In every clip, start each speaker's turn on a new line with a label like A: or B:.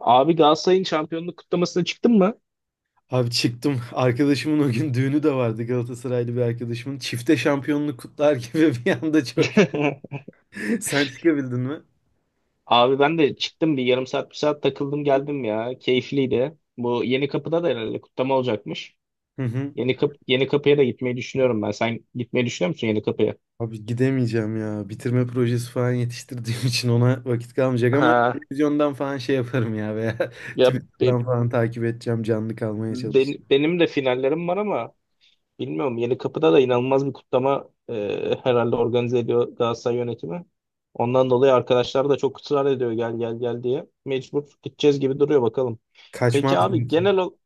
A: Abi Galatasaray'ın şampiyonluk kutlamasına çıktın mı?
B: Abi çıktım. Arkadaşımın o gün düğünü de vardı Galatasaraylı bir arkadaşımın. Çifte şampiyonluk kutlar gibi bir anda çok. Sen çıkabildin mi?
A: Abi ben de çıktım bir yarım saat bir saat takıldım geldim ya. Keyifliydi. Bu Yeni Kapı'da da herhalde kutlama olacakmış.
B: Hı hı.
A: Yeni Kapı'ya da gitmeyi düşünüyorum ben. Sen gitmeyi düşünüyor musun Yeni Kapı'ya?
B: Abi gidemeyeceğim ya. Bitirme projesi falan yetiştirdiğim için ona vakit kalmayacak ama
A: Ha.
B: televizyondan falan şey yaparım ya veya
A: Ya be-
B: Twitter'dan falan takip edeceğim. Canlı kalmaya çalışacağım.
A: benim de finallerim var ama bilmiyorum, Yeni Kapı'da da inanılmaz bir kutlama herhalde organize ediyor Galatasaray yönetimi. Ondan dolayı arkadaşlar da çok ısrar ediyor gel gel gel diye. Mecbur gideceğiz gibi duruyor, bakalım. Peki
B: Kaçmaz
A: abi
B: diyorsun.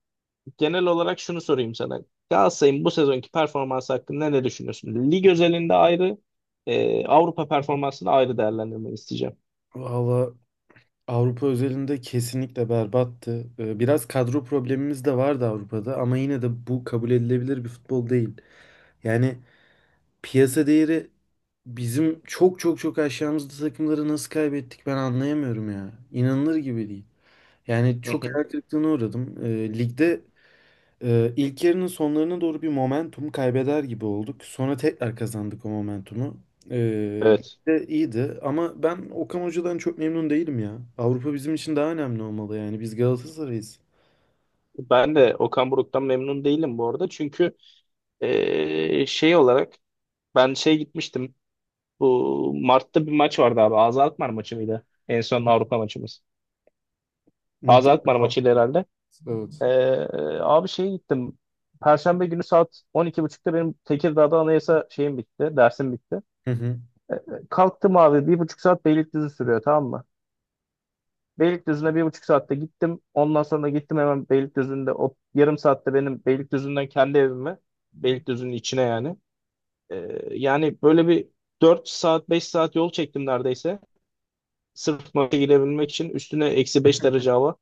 A: genel olarak şunu sorayım sana. Galatasaray'ın bu sezonki performansı hakkında ne düşünüyorsun? Lig özelinde ayrı, Avrupa performansını ayrı değerlendirmeni isteyeceğim.
B: Valla Avrupa özelinde kesinlikle berbattı. Biraz kadro problemimiz de vardı Avrupa'da ama yine de bu kabul edilebilir bir futbol değil. Yani piyasa değeri bizim çok çok çok aşağımızda takımları nasıl kaybettik ben anlayamıyorum ya. İnanılır gibi değil. Yani
A: Hı
B: çok
A: hı.
B: hayal kırıklığına uğradım. Ligde ilk yarının sonlarına doğru bir momentum kaybeder gibi olduk. Sonra tekrar kazandık o momentumu. Ee,
A: Evet.
B: ligde iyiydi ama ben Okan Hoca'dan çok memnun değilim ya. Avrupa bizim için daha önemli olmalı yani. Biz Galatasaray'ız.
A: Ben de Okan Buruk'tan memnun değilim bu arada. Çünkü şey olarak ben şey gitmiştim. Bu Mart'ta bir maç vardı abi. Ağza Alkmaar maçı mıydı? En son Avrupa maçımız. Ağza
B: Muhtemelen.
A: Alkmaar maçıydı herhalde.
B: Evet.
A: E, Abi şeye gittim. Perşembe günü saat 12.30'da benim Tekirdağ'da anayasa şeyim bitti. Dersim bitti.
B: Hı hı.
A: E, Kalktım abi, 1,5 saat Beylikdüzü sürüyor, tamam mı? Beylikdüzü'ne 1,5 saatte gittim. Ondan sonra gittim hemen Beylikdüzü'nde o yarım saatte benim Beylikdüzü'nden kendi evime. Beylikdüzü'nün içine yani. Yani böyle bir 4 saat 5 saat yol çektim neredeyse. Sırf maça girebilmek için, üstüne -5 derece hava.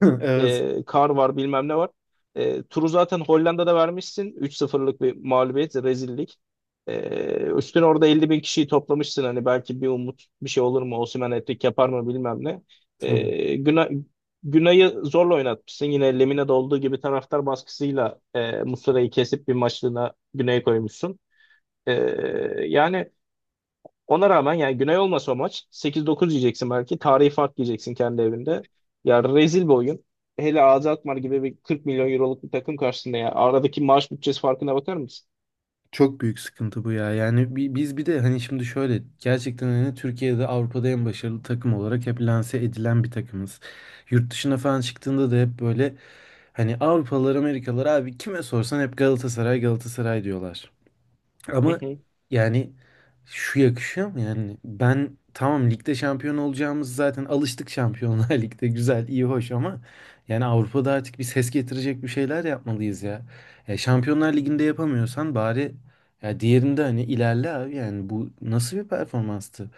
B: Evet.
A: Kar var, bilmem ne var. Turu zaten Hollanda'da vermişsin. 3-0'lık bir mağlubiyet, rezillik. E, Üstüne orada 50 bin kişiyi toplamışsın. Hani belki bir umut bir şey olur mu? Osimhen hat-trick yapar mı, bilmem ne.
B: Tabii.
A: E, Günay, Günay'ı zorla oynatmışsın. Yine Lemine'de olduğu gibi taraftar baskısıyla Muslera'yı kesip bir maçlığına Güney'e koymuşsun. E, Yani ona rağmen, yani Güney olmasa o maç 8-9 yiyeceksin belki. Tarihi fark yiyeceksin kendi evinde. Ya, rezil bir oyun. Hele AZ Alkmaar gibi bir 40 milyon euroluk bir takım karşısında ya. Aradaki maaş bütçesi farkına bakar mısın?
B: Çok büyük sıkıntı bu ya. Yani biz bir de hani şimdi şöyle gerçekten hani Türkiye'de Avrupa'da en başarılı takım olarak hep lanse edilen bir takımız. Yurt dışına falan çıktığında da hep böyle hani Avrupalılar, Amerikalılar abi kime sorsan hep Galatasaray Galatasaray diyorlar.
A: Hı
B: Ama
A: hı.
B: yani şu yakışıyor mu yani? Ben tamam ligde şampiyon olacağımız zaten alıştık Şampiyonlar Lig'de güzel, iyi, hoş ama yani Avrupa'da artık bir ses getirecek bir şeyler yapmalıyız ya. Şampiyonlar Ligi'nde yapamıyorsan bari ya diğerinde hani ilerle abi yani bu nasıl bir performanstı?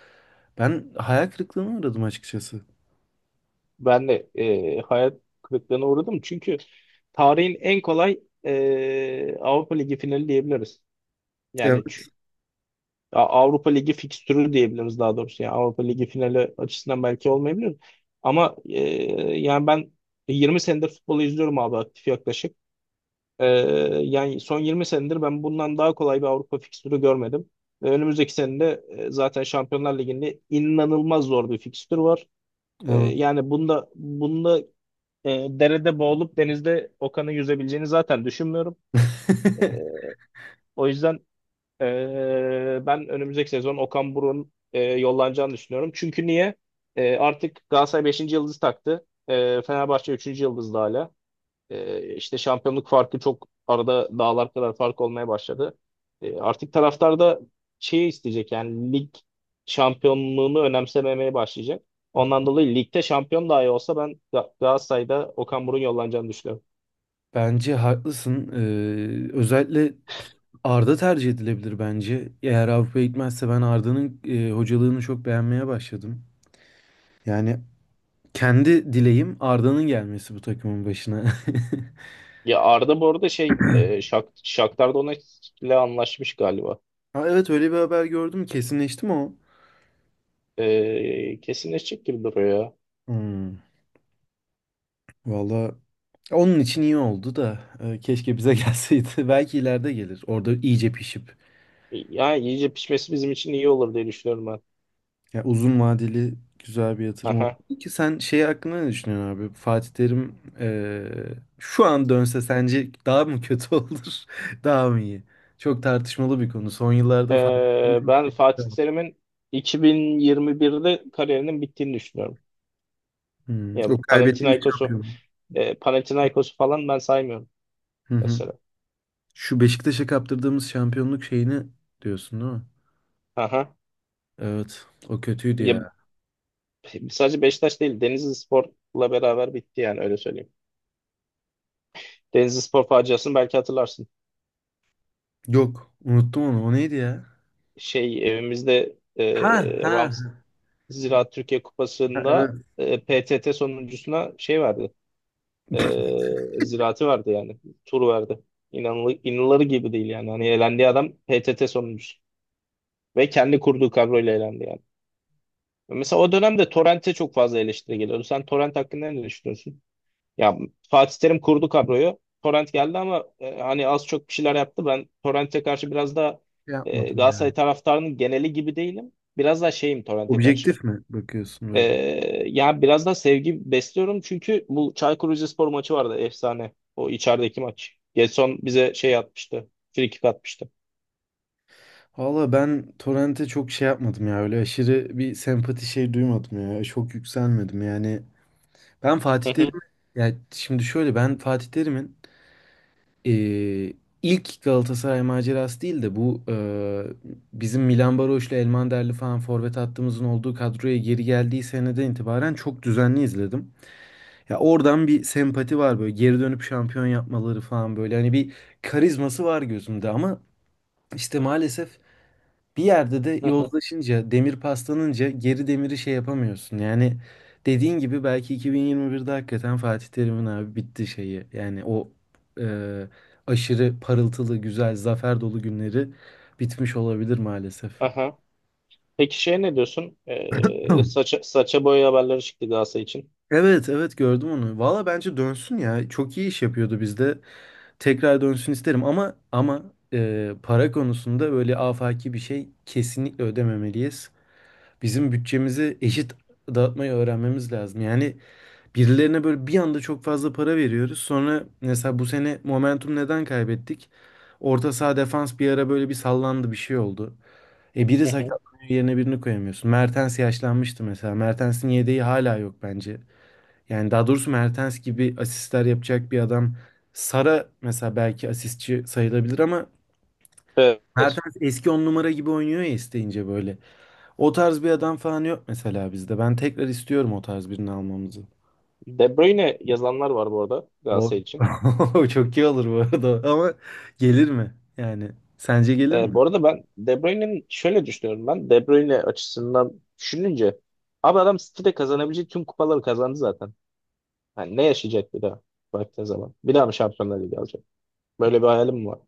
B: Ben hayal kırıklığına uğradım açıkçası.
A: Ben de hayal kırıklığına uğradım. Çünkü tarihin en kolay Avrupa Ligi finali diyebiliriz. Yani
B: Evet.
A: Avrupa Ligi fikstürü diyebiliriz daha doğrusu. Yani Avrupa Ligi finali açısından belki olmayabilir. Ama yani ben 20 senedir futbolu izliyorum abi, aktif yaklaşık. E, Yani son 20 senedir ben bundan daha kolay bir Avrupa fikstürü görmedim. Ve önümüzdeki senede zaten Şampiyonlar Ligi'nde inanılmaz zor bir fikstür var.
B: Evet.
A: Yani bunda derede boğulup denizde Okan'ı yüzebileceğini zaten düşünmüyorum. O yüzden ben önümüzdeki sezon Okan Buruk'un yollanacağını düşünüyorum. Çünkü niye? Artık Galatasaray beşinci yıldız taktı. Fenerbahçe üçüncü yıldızda hala. İşte şampiyonluk farkı çok, arada dağlar kadar fark olmaya başladı. Artık taraftar da şeyi isteyecek, yani lig şampiyonluğunu önemsememeye başlayacak. Ondan dolayı ligde şampiyon dahi olsa ben Galatasaray'da Okan Buruk'un yollanacağını düşünüyorum.
B: Bence haklısın. Özellikle Arda tercih edilebilir bence. Eğer Avrupa'ya gitmezse ben Arda'nın hocalığını çok beğenmeye başladım. Yani kendi dileğim Arda'nın gelmesi bu takımın başına.
A: Ya Arda bu arada şey, Shakhtar Donetsk'le anlaşmış galiba.
B: Ha, evet öyle bir haber gördüm. Kesinleşti mi o?
A: Kesinleşecek gibi duruyor ya.
B: Hmm, valla onun için iyi oldu da keşke bize gelseydi. Belki ileride gelir. Orada iyice pişip.
A: Yani iyice pişmesi bizim için iyi olur diye düşünüyorum ben.
B: Ya uzun vadeli güzel bir yatırım oldu.
A: Aha.
B: Peki sen şey hakkında ne düşünüyorsun abi? Fatih Terim şu an dönse sence daha mı kötü olur? Daha mı iyi? Çok tartışmalı bir konu. Son
A: E,
B: yıllarda Fatih Terim çok
A: Ben
B: kötü.
A: Fatih Terim'in 2021'de kariyerinin bittiğini düşünüyorum.
B: Hmm,
A: Ya
B: o kaybettiğimiz şampiyonluk.
A: Panathinaikos'u falan ben saymıyorum
B: Hı hı.
A: mesela.
B: Şu Beşiktaş'a kaptırdığımız şampiyonluk şeyini diyorsun değil mi?
A: Aha.
B: Evet. O kötüydü
A: Ya,
B: ya.
A: sadece Beşiktaş değil, Denizlispor'la beraber bitti yani, öyle söyleyeyim. Denizlispor faciasını belki hatırlarsın,
B: Yok. Unuttum onu. O neydi ya?
A: şey evimizde
B: Ha ha.
A: Rams Ziraat Türkiye
B: Ha, evet.
A: Kupası'nda PTT sonuncusuna şey verdi. Ziraati verdi yani. Tur verdi. İnanılır gibi değil yani. Hani elendiği adam PTT sonuncusu. Ve kendi kurduğu kadroyla elendi yani. Mesela o dönemde Torrent'e çok fazla eleştiri geliyordu. Sen Torrent hakkında ne düşünüyorsun? Ya Fatih Terim kurdu kadroyu. Torrent geldi ama hani az çok bir şeyler yaptı. Ben Torrent'e karşı biraz da
B: Şey yapmadım yani.
A: Galatasaray taraftarının geneli gibi değilim. Biraz daha şeyim Torrent'e karşı.
B: Objektif mi bakıyorsun
A: Ee,
B: böyle?
A: Ya biraz da sevgi besliyorum çünkü bu Çaykur Rizespor maçı vardı, efsane. O içerideki maç. Gedson bize şey atmıştı. Frikik atmıştı.
B: Valla ben Torrent'e çok şey yapmadım ya öyle aşırı bir sempati şey duymadım ya çok yükselmedim yani ben Fatih
A: Hı hı,
B: Terim ya şimdi şöyle ben Fatih Terim'in eee, ilk Galatasaray macerası değil de bu bizim Milan Baroş'la Elmanderli falan forvet hattımızın olduğu kadroya geri geldiği seneden itibaren çok düzenli izledim. Ya oradan bir sempati var böyle geri dönüp şampiyon yapmaları falan böyle hani bir karizması var gözümde ama işte maalesef bir yerde de
A: hı hı.
B: yozlaşınca, demir paslanınca geri demiri şey yapamıyorsun. Yani dediğin gibi belki 2021'de hakikaten Fatih Terim'in abi bitti şeyi. Yani o e, aşırı parıltılı, güzel, zafer dolu günleri bitmiş olabilir maalesef.
A: Aha. Peki şey, ne diyorsun?
B: Hı.
A: Saça boya haberleri çıktı Galatasaray için.
B: Evet, evet gördüm onu. Valla bence dönsün ya. Çok iyi iş yapıyordu bizde. Tekrar dönsün isterim ama para konusunda böyle afaki bir şey kesinlikle ödememeliyiz. Bizim bütçemizi eşit dağıtmayı öğrenmemiz lazım. Yani birilerine böyle bir anda çok fazla para veriyoruz. Sonra mesela bu sene momentum neden kaybettik? Orta saha defans bir ara böyle bir sallandı bir şey oldu. Biri
A: Hı hı.
B: sakatlanıyor yerine birini koyamıyorsun. Mertens yaşlanmıştı mesela. Mertens'in yedeği hala yok bence. Yani daha doğrusu Mertens gibi asistler yapacak bir adam. Sara mesela belki asistçi sayılabilir ama
A: Evet.
B: Mertens eski on numara gibi oynuyor ya isteyince böyle. O tarz bir adam falan yok mesela bizde. Ben tekrar istiyorum o tarz birini almamızı.
A: De Bruyne yazanlar var bu arada Galatasaray için.
B: O çok iyi olur bu arada. Ama gelir mi? Yani sence gelir mi?
A: Bu arada ben De Bruyne'nin şöyle düşünüyorum ben. De Bruyne açısından düşününce abi, adam City'de kazanabileceği tüm kupaları kazandı zaten. Yani ne yaşayacak bir daha baktığın zaman? Bir daha mı Şampiyonlar Ligi alacak? Böyle bir hayalim mi var?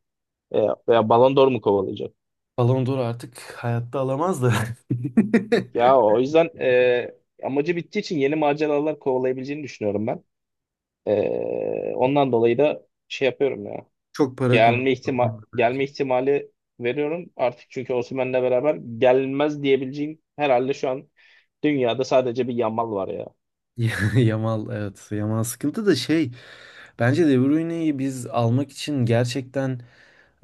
A: E, Veya Ballon d'Or mu kovalayacak?
B: Ballon d'Or artık hayatta alamaz da.
A: Ya o yüzden amacı bittiği için yeni maceralar kovalayabileceğini düşünüyorum ben. Ondan dolayı da şey yapıyorum ya.
B: Çok para konusu. O konuda.
A: Gelme ihtimali veriyorum artık, çünkü Osimhen'le beraber gelmez diyebileceğim herhalde şu an dünyada sadece bir Yamal var ya.
B: Yamal evet. Yamal sıkıntı da şey. Bence De Bruyne'yi biz almak için gerçekten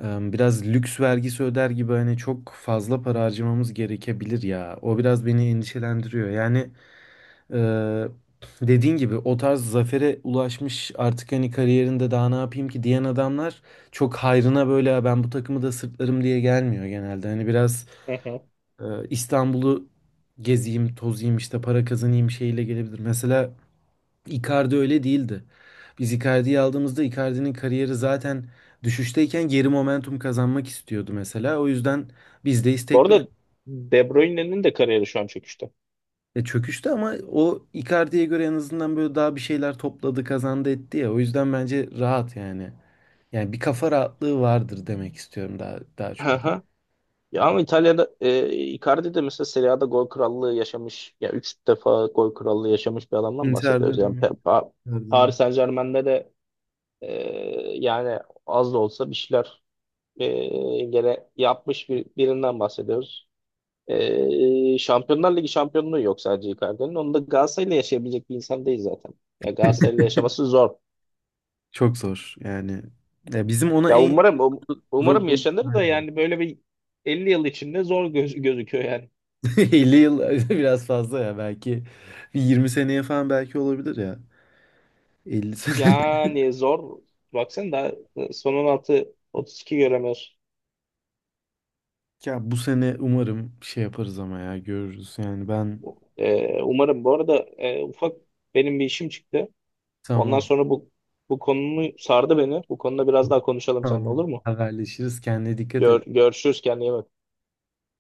B: biraz lüks vergisi öder gibi hani çok fazla para harcamamız gerekebilir ya. O biraz beni endişelendiriyor. Yani Ee, dediğin gibi o tarz zafere ulaşmış artık hani kariyerinde daha ne yapayım ki diyen adamlar çok hayrına böyle "Ya ben bu takımı da sırtlarım diye gelmiyor genelde. Hani biraz
A: Hı hı.
B: e, İstanbul'u gezeyim, tozayım işte para kazanayım şeyle gelebilir. Mesela Icardi öyle değildi. Biz Icardi'yi aldığımızda Icardi'nin kariyeri zaten düşüşteyken geri momentum kazanmak istiyordu mesela. O yüzden biz de
A: Bu
B: istekli.
A: arada De Bruyne'nin de kariyeri şu an çöküşte.
B: Çöküştü ama o Icardi'ye göre en azından böyle daha bir şeyler topladı, kazandı etti ya. O yüzden bence rahat yani. Yani bir kafa rahatlığı vardır demek istiyorum daha daha çok.
A: Ya ama İtalya'da Icardi de mesela Serie A'da gol krallığı yaşamış. Ya, 3 defa gol krallığı yaşamış bir adamdan
B: Inter
A: bahsediyoruz. Yani
B: dönemi.
A: Paris
B: Icardi'nin.
A: Saint-Germain'de de e, yani az da olsa bir şeyler e, gene yapmış birinden bahsediyoruz. Şampiyonlar Ligi şampiyonluğu yok sadece Icardi'nin. Onu da Galatasaray'la yaşayabilecek bir insan değil zaten. Ya Galatasaray'la yaşaması zor.
B: Çok zor yani. Ya bizim ona
A: Ya
B: en
A: umarım umarım
B: Drogba
A: yaşanır da, yani böyle bir 50 yıl içinde zor gözüküyor yani.
B: 50 yıl biraz fazla ya belki bir 20 seneye falan belki olabilir ya. 50 sene.
A: Yani zor. Baksana, daha son 16 32 göremiyoruz.
B: Ya bu sene umarım şey yaparız ama ya görürüz yani ben
A: Umarım. Bu arada ufak benim bir işim çıktı. Ondan
B: tamam.
A: sonra bu konumu sardı beni. Bu konuda biraz daha konuşalım seninle, olur
B: Tamam.
A: mu?
B: Haberleşiriz. Kendine dikkat et.
A: Görüşürüz, kendine iyi bak.